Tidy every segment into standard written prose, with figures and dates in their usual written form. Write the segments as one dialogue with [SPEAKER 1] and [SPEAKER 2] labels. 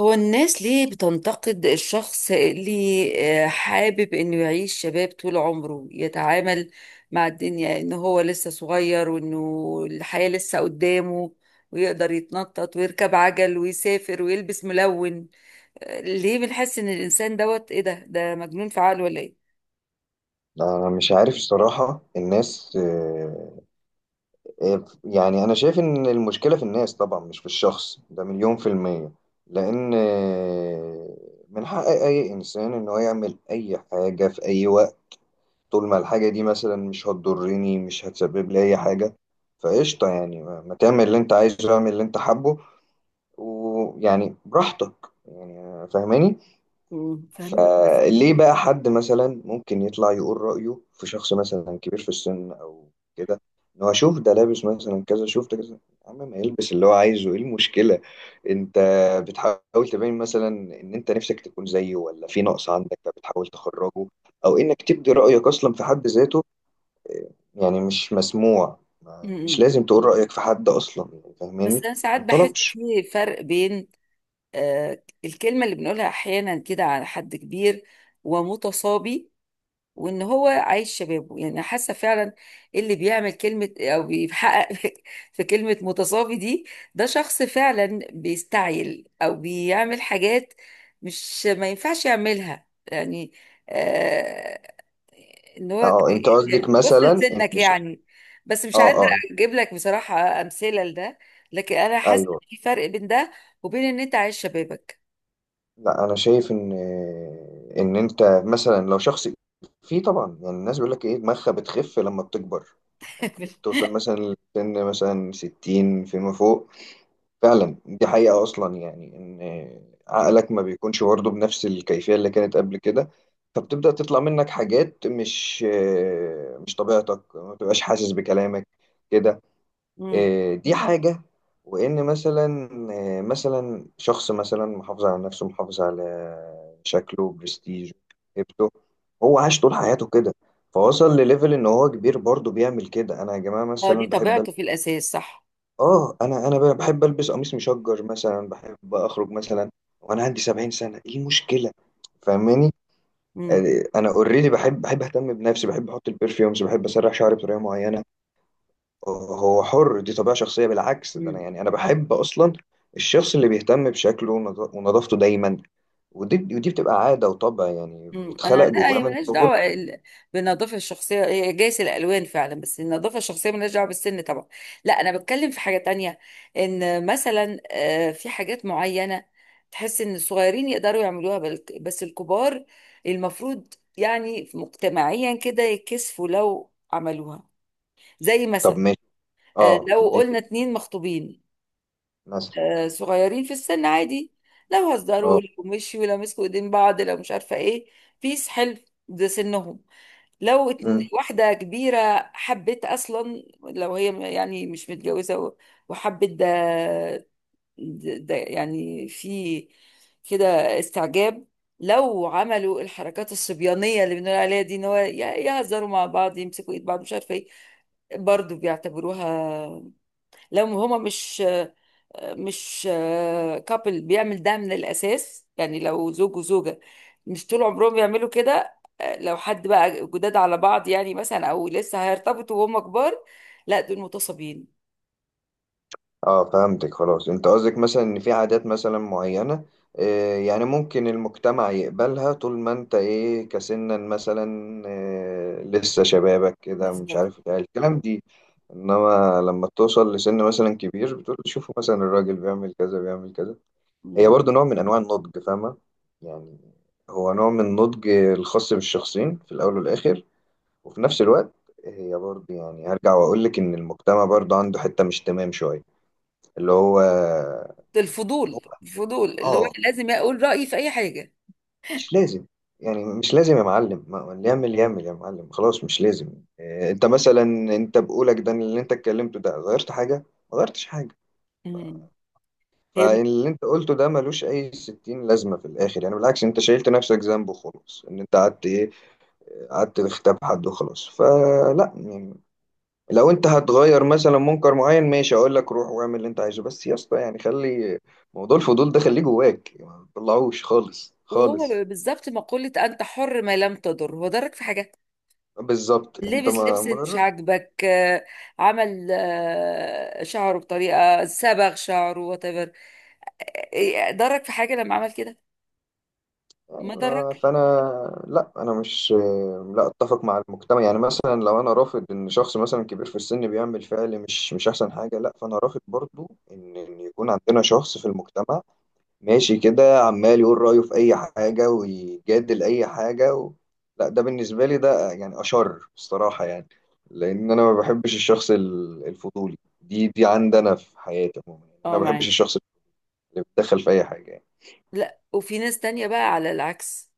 [SPEAKER 1] هو الناس ليه بتنتقد الشخص اللي حابب انه يعيش شباب طول عمره، يتعامل مع الدنيا ان هو لسه صغير وانه الحياة لسه قدامه ويقدر يتنطط ويركب عجل ويسافر ويلبس ملون؟ ليه بنحس ان الانسان دوت ايه ده مجنون في عقله ولا ايه؟
[SPEAKER 2] أنا مش عارف الصراحة الناس يعني أنا شايف إن المشكلة في الناس طبعا مش في الشخص ده مليون في المية لأن من حق أي إنسان إن هو يعمل أي حاجة في أي وقت طول ما الحاجة دي مثلا مش هتضرني، مش هتسبب لي أي حاجة. فقشطة، يعني ما تعمل اللي أنت عايزه، اعمل اللي أنت حابه ويعني براحتك. يعني فاهماني؟
[SPEAKER 1] فهمك بس.
[SPEAKER 2] فليه بقى حد مثلا ممكن يطلع يقول رأيه في شخص مثلا كبير في السن أو كده، إن هو شوف ده لابس مثلا كذا، شوف ده كذا. يا عم ما يلبس اللي هو عايزه، إيه المشكلة؟ أنت بتحاول تبين مثلا إن أنت نفسك تكون زيه، ولا في نقص عندك فبتحاول تخرجه، أو إنك تبدي رأيك أصلا في حد ذاته. يعني مش مسموع، مش
[SPEAKER 1] مم.
[SPEAKER 2] لازم تقول رأيك في حد أصلا. يعني
[SPEAKER 1] بس
[SPEAKER 2] فاهماني؟
[SPEAKER 1] انا ساعات
[SPEAKER 2] ما
[SPEAKER 1] بحس
[SPEAKER 2] انطلبش.
[SPEAKER 1] في فرق بين الكلمة اللي بنقولها احيانا كده على حد كبير ومتصابي وان هو عايش شبابه، يعني حاسه فعلا اللي بيعمل كلمه او بيحقق في كلمه متصافي دي ده شخص فعلا بيستعجل او بيعمل حاجات مش ما ينفعش يعملها يعني. آه ان هو ك-
[SPEAKER 2] أه أنت قصدك
[SPEAKER 1] يعني بص
[SPEAKER 2] مثلا
[SPEAKER 1] لسنك،
[SPEAKER 2] إن ش-
[SPEAKER 1] يعني بس مش قادره
[SPEAKER 2] أه، أه،
[SPEAKER 1] اجيب لك بصراحه امثله لده، لكن انا حاسه
[SPEAKER 2] أيوه.
[SPEAKER 1] إن في فرق بين ده وبين ان انت عايش شبابك.
[SPEAKER 2] لا، انا شايف ان انت مثلا لو شخص في، طبعا يعني الناس بيقول لك ايه، دماغها بتخف لما بتكبر، يعني بتوصل مثلا لسن مثلا 60 فيما فوق. فعلا دي حقيقة اصلا، يعني ان عقلك ما بيكونش برضه بنفس الكيفية اللي كانت قبل كده، فبتبدأ تطلع منك حاجات مش طبيعتك، ما بتبقاش حاسس بكلامك كده.
[SPEAKER 1] امم
[SPEAKER 2] دي حاجة. وإن مثلا مثلا شخص مثلا محافظ على نفسه، محافظ على شكله، برستيجه، هيبته، هو عاش طول حياته كده، فوصل لليفل إن هو كبير برضه بيعمل كده. أنا يا جماعة
[SPEAKER 1] اه دي
[SPEAKER 2] مثلا بحب ألبس،
[SPEAKER 1] طبيعته في الاساس، صح.
[SPEAKER 2] أنا بحب ألبس قميص مشجر مثلا، بحب أخرج مثلا وأنا عندي 70 سنة، إيه المشكلة؟ فاهماني؟ أنا أوريدي، بحب أهتم بنفسي، بحب أحط البرفيومز، بحب أسرح شعري بطريقة معينة. هو حر، دي طبيعة شخصية. بالعكس ده أنا،
[SPEAKER 1] امم
[SPEAKER 2] يعني أنا بحب أصلا الشخص اللي بيهتم بشكله ونظافته دايما. ودي بتبقى عادة وطبع، يعني
[SPEAKER 1] مم. انا
[SPEAKER 2] بيتخلق
[SPEAKER 1] لا،
[SPEAKER 2] جواه
[SPEAKER 1] هي
[SPEAKER 2] من
[SPEAKER 1] ملهاش
[SPEAKER 2] صغره.
[SPEAKER 1] دعوه بالنظافه الشخصيه، هي جايز الالوان فعلا بس النظافه الشخصيه ملهاش دعوه بالسن طبعا. لا انا بتكلم في حاجه تانية، ان مثلا في حاجات معينه تحس ان الصغيرين يقدروا يعملوها بس الكبار المفروض يعني مجتمعيا كده يكسفوا لو عملوها. زي
[SPEAKER 2] طب
[SPEAKER 1] مثلا
[SPEAKER 2] ماشي، اه
[SPEAKER 1] لو
[SPEAKER 2] دي
[SPEAKER 1] قلنا اتنين مخطوبين
[SPEAKER 2] مثلا.
[SPEAKER 1] صغيرين في السن، عادي لو هزروا،
[SPEAKER 2] اه.
[SPEAKER 1] لو مشوا، لو مسكوا ايدين بعض، لو مش عارفه ايه، بيس حلو، ده سنهم.
[SPEAKER 2] مم.
[SPEAKER 1] واحدة كبيرة حبت أصلا، لو هي يعني مش متجوزة و وحبت ده، ده يعني في كده استعجاب. لو عملوا الحركات الصبيانية اللي بنقول عليها دي ان هو يهزروا مع بعض، يمسكوا ايد بعض، مش عارفة ايه، برضه بيعتبروها. لو هما مش، مش كابل بيعمل ده من الأساس، يعني لو زوج وزوجة مش طول عمرهم بيعملوا كده. لو حد بقى جداد على بعض يعني مثلا، أو لسه هيرتبطوا وهم كبار، لا دول متصابين.
[SPEAKER 2] اه، فهمتك خلاص. انت قصدك مثلا ان في عادات مثلا معينة، يعني ممكن المجتمع يقبلها طول ما انت ايه، كسنا مثلا، لسه شبابك كده مش
[SPEAKER 1] بالظبط.
[SPEAKER 2] عارف ايه الكلام دي. انما لما توصل لسن مثلا كبير بتقول شوفوا مثلا الراجل بيعمل كذا، بيعمل كذا. هي
[SPEAKER 1] مم.
[SPEAKER 2] برضو نوع من انواع النضج، فاهمة يعني؟ هو نوع من النضج الخاص بالشخصين في الاول والاخر. وفي نفس الوقت هي برضو، يعني هرجع واقول لك ان المجتمع برضو عنده حتة مش تمام شوية، اللي هو. هو،
[SPEAKER 1] الفضول، الفضول اللي هو
[SPEAKER 2] اه،
[SPEAKER 1] لازم أقول رأيي في أي حاجة.
[SPEAKER 2] مش لازم. يعني مش لازم يا معلم، اللي يعمل يعمل يا معلم خلاص، مش لازم. إيه، انت مثلا، انت بقولك ده اللي انت اتكلمته ده غيرت حاجة؟ ما غيرتش حاجة.
[SPEAKER 1] مم. هي مش
[SPEAKER 2] فاللي انت قلته ده ملوش اي ستين لازمة في الاخر، يعني بالعكس انت شايلت نفسك ذنب وخلاص، ان انت قعدت ايه، قعدت تغتاب حد وخلاص. فلا يعني، لو انت هتغير مثلا منكر معين ماشي، اقول لك روح واعمل اللي انت عايزه. بس يا اسطى يعني خلي موضوع الفضول ده خليه جواك، ما تطلعوش خالص خالص.
[SPEAKER 1] وهو بالظبط مقولة أنت حر ما لم تضر، هو ضرك في حاجة؟
[SPEAKER 2] بالظبط، انت
[SPEAKER 1] لبس
[SPEAKER 2] ما
[SPEAKER 1] لبس مش
[SPEAKER 2] مغرب.
[SPEAKER 1] عاجبك، عمل شعره بطريقة، صبغ شعره whatever، إيه ضرك في حاجة لما عمل كده؟ ما ضرك.
[SPEAKER 2] أيوة، فانا، لا انا مش، لا اتفق مع المجتمع. يعني مثلا لو انا رافض ان شخص مثلا كبير في السن بيعمل فعل مش احسن حاجه، لا، فانا رافض برضو ان يكون عندنا شخص في المجتمع ماشي كده عمال يقول رايه في اي حاجه ويجادل اي حاجه و... لا ده بالنسبه لي ده يعني اشر بصراحه يعني. لان انا ما بحبش الشخص الفضولي دي عندنا في حياتي عموما، يعني انا
[SPEAKER 1] اه
[SPEAKER 2] ما بحبش
[SPEAKER 1] معاك.
[SPEAKER 2] الشخص اللي بيتدخل في اي حاجه.
[SPEAKER 1] لا وفي ناس تانية بقى على العكس،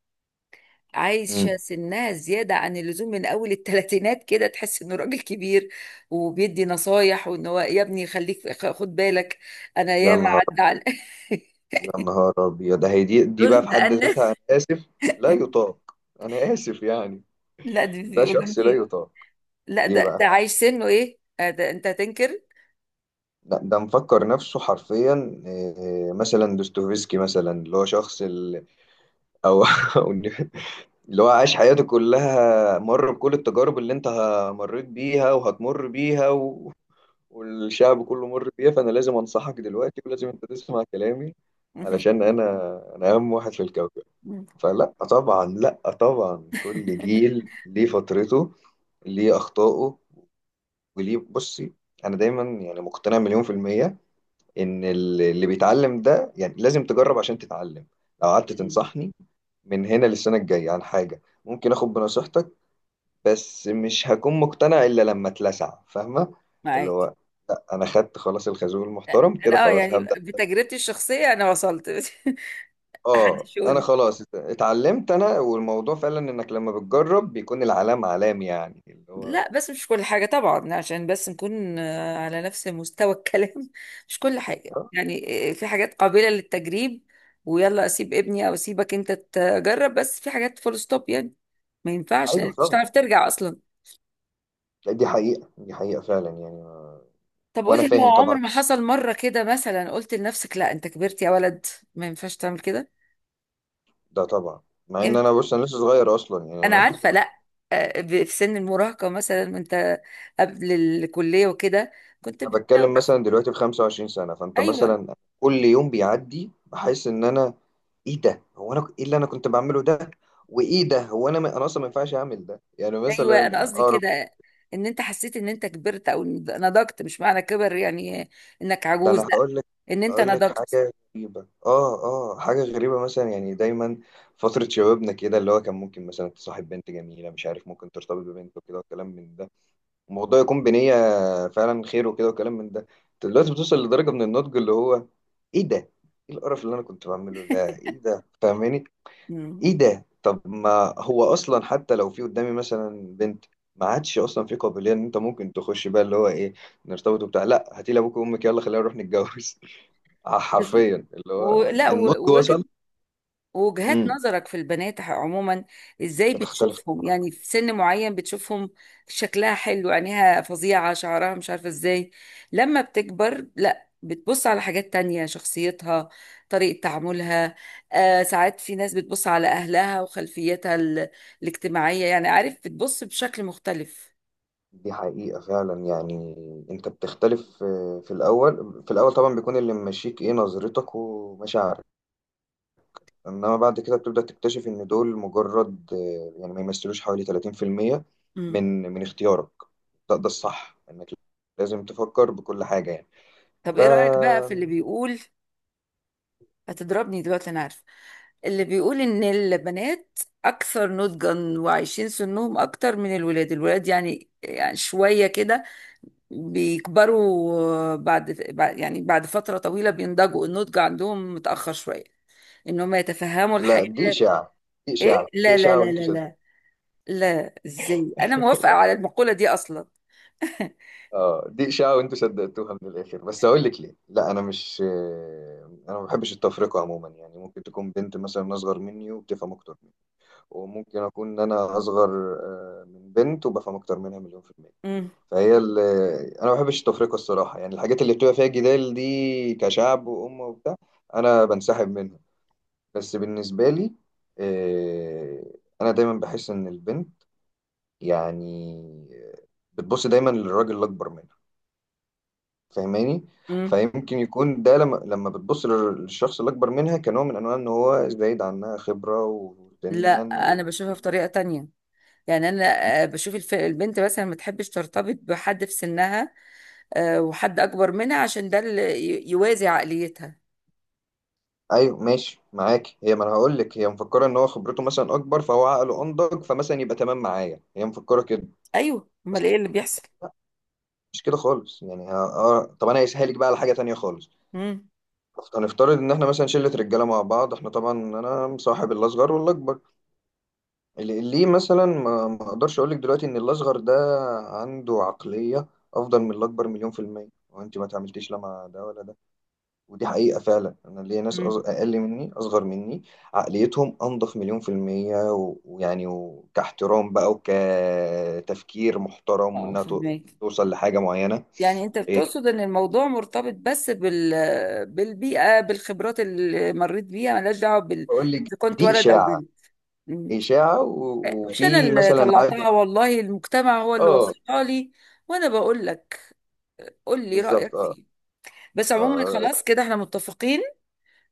[SPEAKER 1] عايشة
[SPEAKER 2] يعني.
[SPEAKER 1] سنها زيادة عن اللزوم من أول التلاتينات، كده تحس إنه راجل كبير وبيدي نصايح وإن هو يا ابني خليك، خد بالك. أنا
[SPEAKER 2] يا
[SPEAKER 1] ياما
[SPEAKER 2] نهار،
[SPEAKER 1] عدى على
[SPEAKER 2] يا نهار ابيض. ده هي دي بقى
[SPEAKER 1] دول
[SPEAKER 2] في حد
[SPEAKER 1] بأن،
[SPEAKER 2] ذاتها انا اسف لا يطاق، انا اسف يعني.
[SPEAKER 1] لا دي
[SPEAKER 2] ده
[SPEAKER 1] بيبقوا
[SPEAKER 2] شخص لا
[SPEAKER 1] جامدين.
[SPEAKER 2] يطاق.
[SPEAKER 1] لا
[SPEAKER 2] ليه
[SPEAKER 1] ده
[SPEAKER 2] بقى؟
[SPEAKER 1] ده عايش سنه إيه، ده أنت هتنكر.
[SPEAKER 2] ده مفكر نفسه حرفيا، مثلا دوستويفسكي مثلا، اللي هو شخص ال... او أو إن- اللي هو عاش حياته كلها مر بكل التجارب اللي انت مريت بيها وهتمر بيها و... والشعب كله مر بيها، فانا لازم انصحك دلوقتي ولازم انت تسمع كلامي علشان انا، اهم واحد في الكوكب. فلا طبعا، لا طبعا، كل جيل ليه فترته، ليه أخطائه، وليه. بصي، أنا دايما يعني مقتنع مليون في المية إن اللي بيتعلم ده، يعني لازم تجرب عشان تتعلم. لو قعدت تنصحني من هنا للسنة الجاية عن حاجة، ممكن آخد بنصيحتك، بس مش هكون مقتنع إلا لما اتلسع. فاهمة؟ اللي
[SPEAKER 1] معاك.
[SPEAKER 2] هو، لا أنا خدت خلاص الخازوق المحترم كده،
[SPEAKER 1] أنا أه،
[SPEAKER 2] خلاص
[SPEAKER 1] يعني
[SPEAKER 2] هبدأ.
[SPEAKER 1] بتجربتي الشخصية أنا وصلت.
[SPEAKER 2] اه، انا
[SPEAKER 1] شغل.
[SPEAKER 2] خلاص اتعلمت انا، والموضوع فعلا انك لما بتجرب بيكون العلام علام، يعني اللي هو.
[SPEAKER 1] لا بس مش كل حاجة طبعا، عشان بس نكون على نفس مستوى الكلام، مش كل حاجة
[SPEAKER 2] آه،
[SPEAKER 1] يعني في حاجات قابلة للتجريب، ويلا أسيب ابني أو أسيبك أنت تجرب، بس في حاجات فول ستوب يعني، ما ينفعش،
[SPEAKER 2] ايوه
[SPEAKER 1] لأنك مش
[SPEAKER 2] طبعا.
[SPEAKER 1] هتعرف ترجع أصلا.
[SPEAKER 2] لا، دي حقيقة، دي حقيقة فعلا يعني.
[SPEAKER 1] طب
[SPEAKER 2] وانا
[SPEAKER 1] قولي،
[SPEAKER 2] فاهم
[SPEAKER 1] هو عمر
[SPEAKER 2] طبعا.
[SPEAKER 1] ما حصل مرة كده مثلا قلت لنفسك لا أنت كبرت يا ولد، ما ينفعش تعمل كده؟
[SPEAKER 2] ده طبعا. مع ان
[SPEAKER 1] إمتى؟
[SPEAKER 2] انا، بص انا لسه صغير اصلا يعني
[SPEAKER 1] أنا
[SPEAKER 2] انا
[SPEAKER 1] عارفة، لا في سن المراهقة مثلا وأنت قبل الكلية وكده كنت
[SPEAKER 2] أنا
[SPEAKER 1] بتلاقي؟
[SPEAKER 2] بتكلم مثلا دلوقتي في 25 سنة، فانت
[SPEAKER 1] أيوه.
[SPEAKER 2] مثلا كل يوم بيعدي بحس ان انا، ايه ده، هو انا ايه اللي انا كنت بعمله ده؟ وايه ده، هو انا انا اصلا ما ينفعش اعمل ده، يعني
[SPEAKER 1] ايوه
[SPEAKER 2] مثلا
[SPEAKER 1] انا قصدي كده، ان انت حسيت ان انت كبرت او نضجت. مش معنى كبر يعني انك
[SPEAKER 2] ده انا
[SPEAKER 1] عجوز، لا،
[SPEAKER 2] هقول لك.
[SPEAKER 1] ان انت
[SPEAKER 2] هقول لك
[SPEAKER 1] نضجت.
[SPEAKER 2] حاجه غريبه، اه. اه، حاجه غريبه مثلا، يعني دايما فتره شبابنا كده اللي هو كان ممكن مثلا تصاحب بنت جميله مش عارف، ممكن ترتبط ببنت وكده وكلام من ده، الموضوع يكون بنيه فعلا خير وكده وكلام من ده. دلوقتي بتوصل لدرجه من النضج اللي هو ايه ده، ايه القرف اللي انا كنت بعمله ده، ايه ده؟ فاهماني؟
[SPEAKER 1] مم.
[SPEAKER 2] ايه ده، طب ما هو اصلا حتى لو في قدامي مثلا بنت، ما عادش اصلا في قابليه ان انت ممكن تخش بقى اللي هو ايه، نرتبط وبتاع، لا هاتي لي ابوك وامك يلا خلينا نروح نتجوز.
[SPEAKER 1] بالظبط.
[SPEAKER 2] حرفيا اللي هو
[SPEAKER 1] ولا
[SPEAKER 2] النضج
[SPEAKER 1] ووجهة،
[SPEAKER 2] وصل.
[SPEAKER 1] وجهات
[SPEAKER 2] امم.
[SPEAKER 1] نظرك في البنات عموما، ازاي
[SPEAKER 2] بتختلف.
[SPEAKER 1] بتشوفهم يعني؟ في سن معين بتشوفهم شكلها حلو، عينيها فظيعة، شعرها مش عارفة ازاي؛ لما بتكبر لا، بتبص على حاجات تانية، شخصيتها، طريقة تعاملها، ساعات في ناس بتبص على أهلها وخلفيتها الاجتماعية، يعني عارف، بتبص بشكل مختلف.
[SPEAKER 2] دي حقيقة فعلا يعني، انت بتختلف في الأول، في الأول طبعا بيكون اللي ممشيك ايه، نظرتك ومشاعرك. انما بعد كده بتبدأ تكتشف ان دول مجرد يعني ما يمثلوش حوالي 30%
[SPEAKER 1] مم.
[SPEAKER 2] من اختيارك. ده ده الصح، انك لازم تفكر بكل حاجة يعني.
[SPEAKER 1] طب
[SPEAKER 2] ف،
[SPEAKER 1] ايه رأيك بقى في اللي بيقول، هتضربني دلوقتي انا عارفه، اللي بيقول ان البنات اكثر نضجا وعايشين سنهم اكتر من الولاد؟ الولاد يعني شويه كده بيكبروا، يعني بعد فتره طويله بينضجوا، النضج عندهم متاخر شويه، ان هم يتفهموا الحياه.
[SPEAKER 2] لا دي إشاعة، دي
[SPEAKER 1] ايه،
[SPEAKER 2] إشاعة دي
[SPEAKER 1] لا لا
[SPEAKER 2] إشاعة
[SPEAKER 1] لا
[SPEAKER 2] وانتوا.
[SPEAKER 1] لا لا. لا ازاي، انا موافقه على المقوله دي اصلا.
[SPEAKER 2] اه دي إشاعة وأنتوا صدقتوها. من الآخر بس أقول لك ليه، لا أنا مش، أنا ما بحبش التفرقة عموما، يعني ممكن تكون بنت مثلا أصغر مني وبتفهم أكتر مني، وممكن أكون ان أنا أصغر من بنت وبفهم أكتر منها مليون في المية.
[SPEAKER 1] مم.
[SPEAKER 2] فهي ال... أنا ما بحبش التفرقة الصراحة، يعني الحاجات اللي بتبقى فيها جدال دي كشعب وأمة وبتاع أنا بنسحب منها. بس بالنسبة لي، آه، أنا دايما بحس إن البنت يعني، آه، بتبص دايما للراجل الأكبر منها. فاهماني؟
[SPEAKER 1] مم.
[SPEAKER 2] فيمكن يكون ده لما بتبص للشخص اللي اكبر منها كنوع من انواع ان هو زايد عنها خبره وسنا
[SPEAKER 1] لا
[SPEAKER 2] و...
[SPEAKER 1] انا بشوفها في طريقه تانية، يعني انا بشوف البنت مثلا ما تحبش ترتبط بحد في سنها، وحد اكبر منها عشان ده اللي يوازي عقليتها.
[SPEAKER 2] ايوه ماشي معاك، هي ما انا هقول لك، هي مفكره ان هو خبرته مثلا اكبر، فهو عقله انضج، فمثلا يبقى تمام معايا، هي مفكره كده.
[SPEAKER 1] ايوه، امال ايه اللي بيحصل؟
[SPEAKER 2] مش كده خالص يعني. ها... آه... طب انا هسهلك بقى على حاجه تانية خالص.
[SPEAKER 1] امم
[SPEAKER 2] هنفترض ان احنا مثلا شله رجاله مع بعض، احنا طبعا انا مصاحب الاصغر والاكبر. ليه مثلا ما اقدرش اقول لك دلوقتي ان الاصغر ده عنده عقليه افضل من الاكبر مليون في الميه، وانت ما تعملتيش لا مع ده ولا ده. ودي حقيقه فعلا، انا ليا ناس
[SPEAKER 1] مم.
[SPEAKER 2] اقل مني، اصغر مني، عقليتهم انضف مليون في الميه، ويعني وكاحترام بقى وكتفكير محترم،
[SPEAKER 1] اه فهمك.
[SPEAKER 2] توصل لحاجه معينه.
[SPEAKER 1] يعني انت
[SPEAKER 2] إيه،
[SPEAKER 1] بتقصد ان الموضوع مرتبط بس بال، بالبيئه بالخبرات اللي مريت بيها، ملهاش دعوه بال
[SPEAKER 2] بقول لك
[SPEAKER 1] اذا كنت
[SPEAKER 2] دي
[SPEAKER 1] ولد او
[SPEAKER 2] اشاعه،
[SPEAKER 1] بنت. مم.
[SPEAKER 2] اشاعه
[SPEAKER 1] مش انا
[SPEAKER 2] وفي
[SPEAKER 1] اللي
[SPEAKER 2] مثلا عدد.
[SPEAKER 1] طلعتها والله، المجتمع هو اللي
[SPEAKER 2] اه.
[SPEAKER 1] وصلها لي، وانا بقول لك قول لي
[SPEAKER 2] بالظبط
[SPEAKER 1] رايك
[SPEAKER 2] اه.
[SPEAKER 1] فيه. بس عموما
[SPEAKER 2] اه
[SPEAKER 1] خلاص كده احنا متفقين،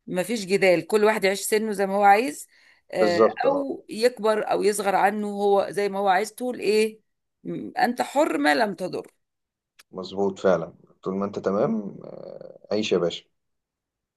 [SPEAKER 1] مفيش جدال، كل واحد يعيش سنه زي ما هو عايز، آه،
[SPEAKER 2] بالظبط اه.
[SPEAKER 1] او يكبر او يصغر عنه، هو زي ما هو عايز. تقول ايه؟ م- انت حر ما لم تضر.
[SPEAKER 2] مظبوط فعلا. طول ما انت تمام، عيش يا باشا.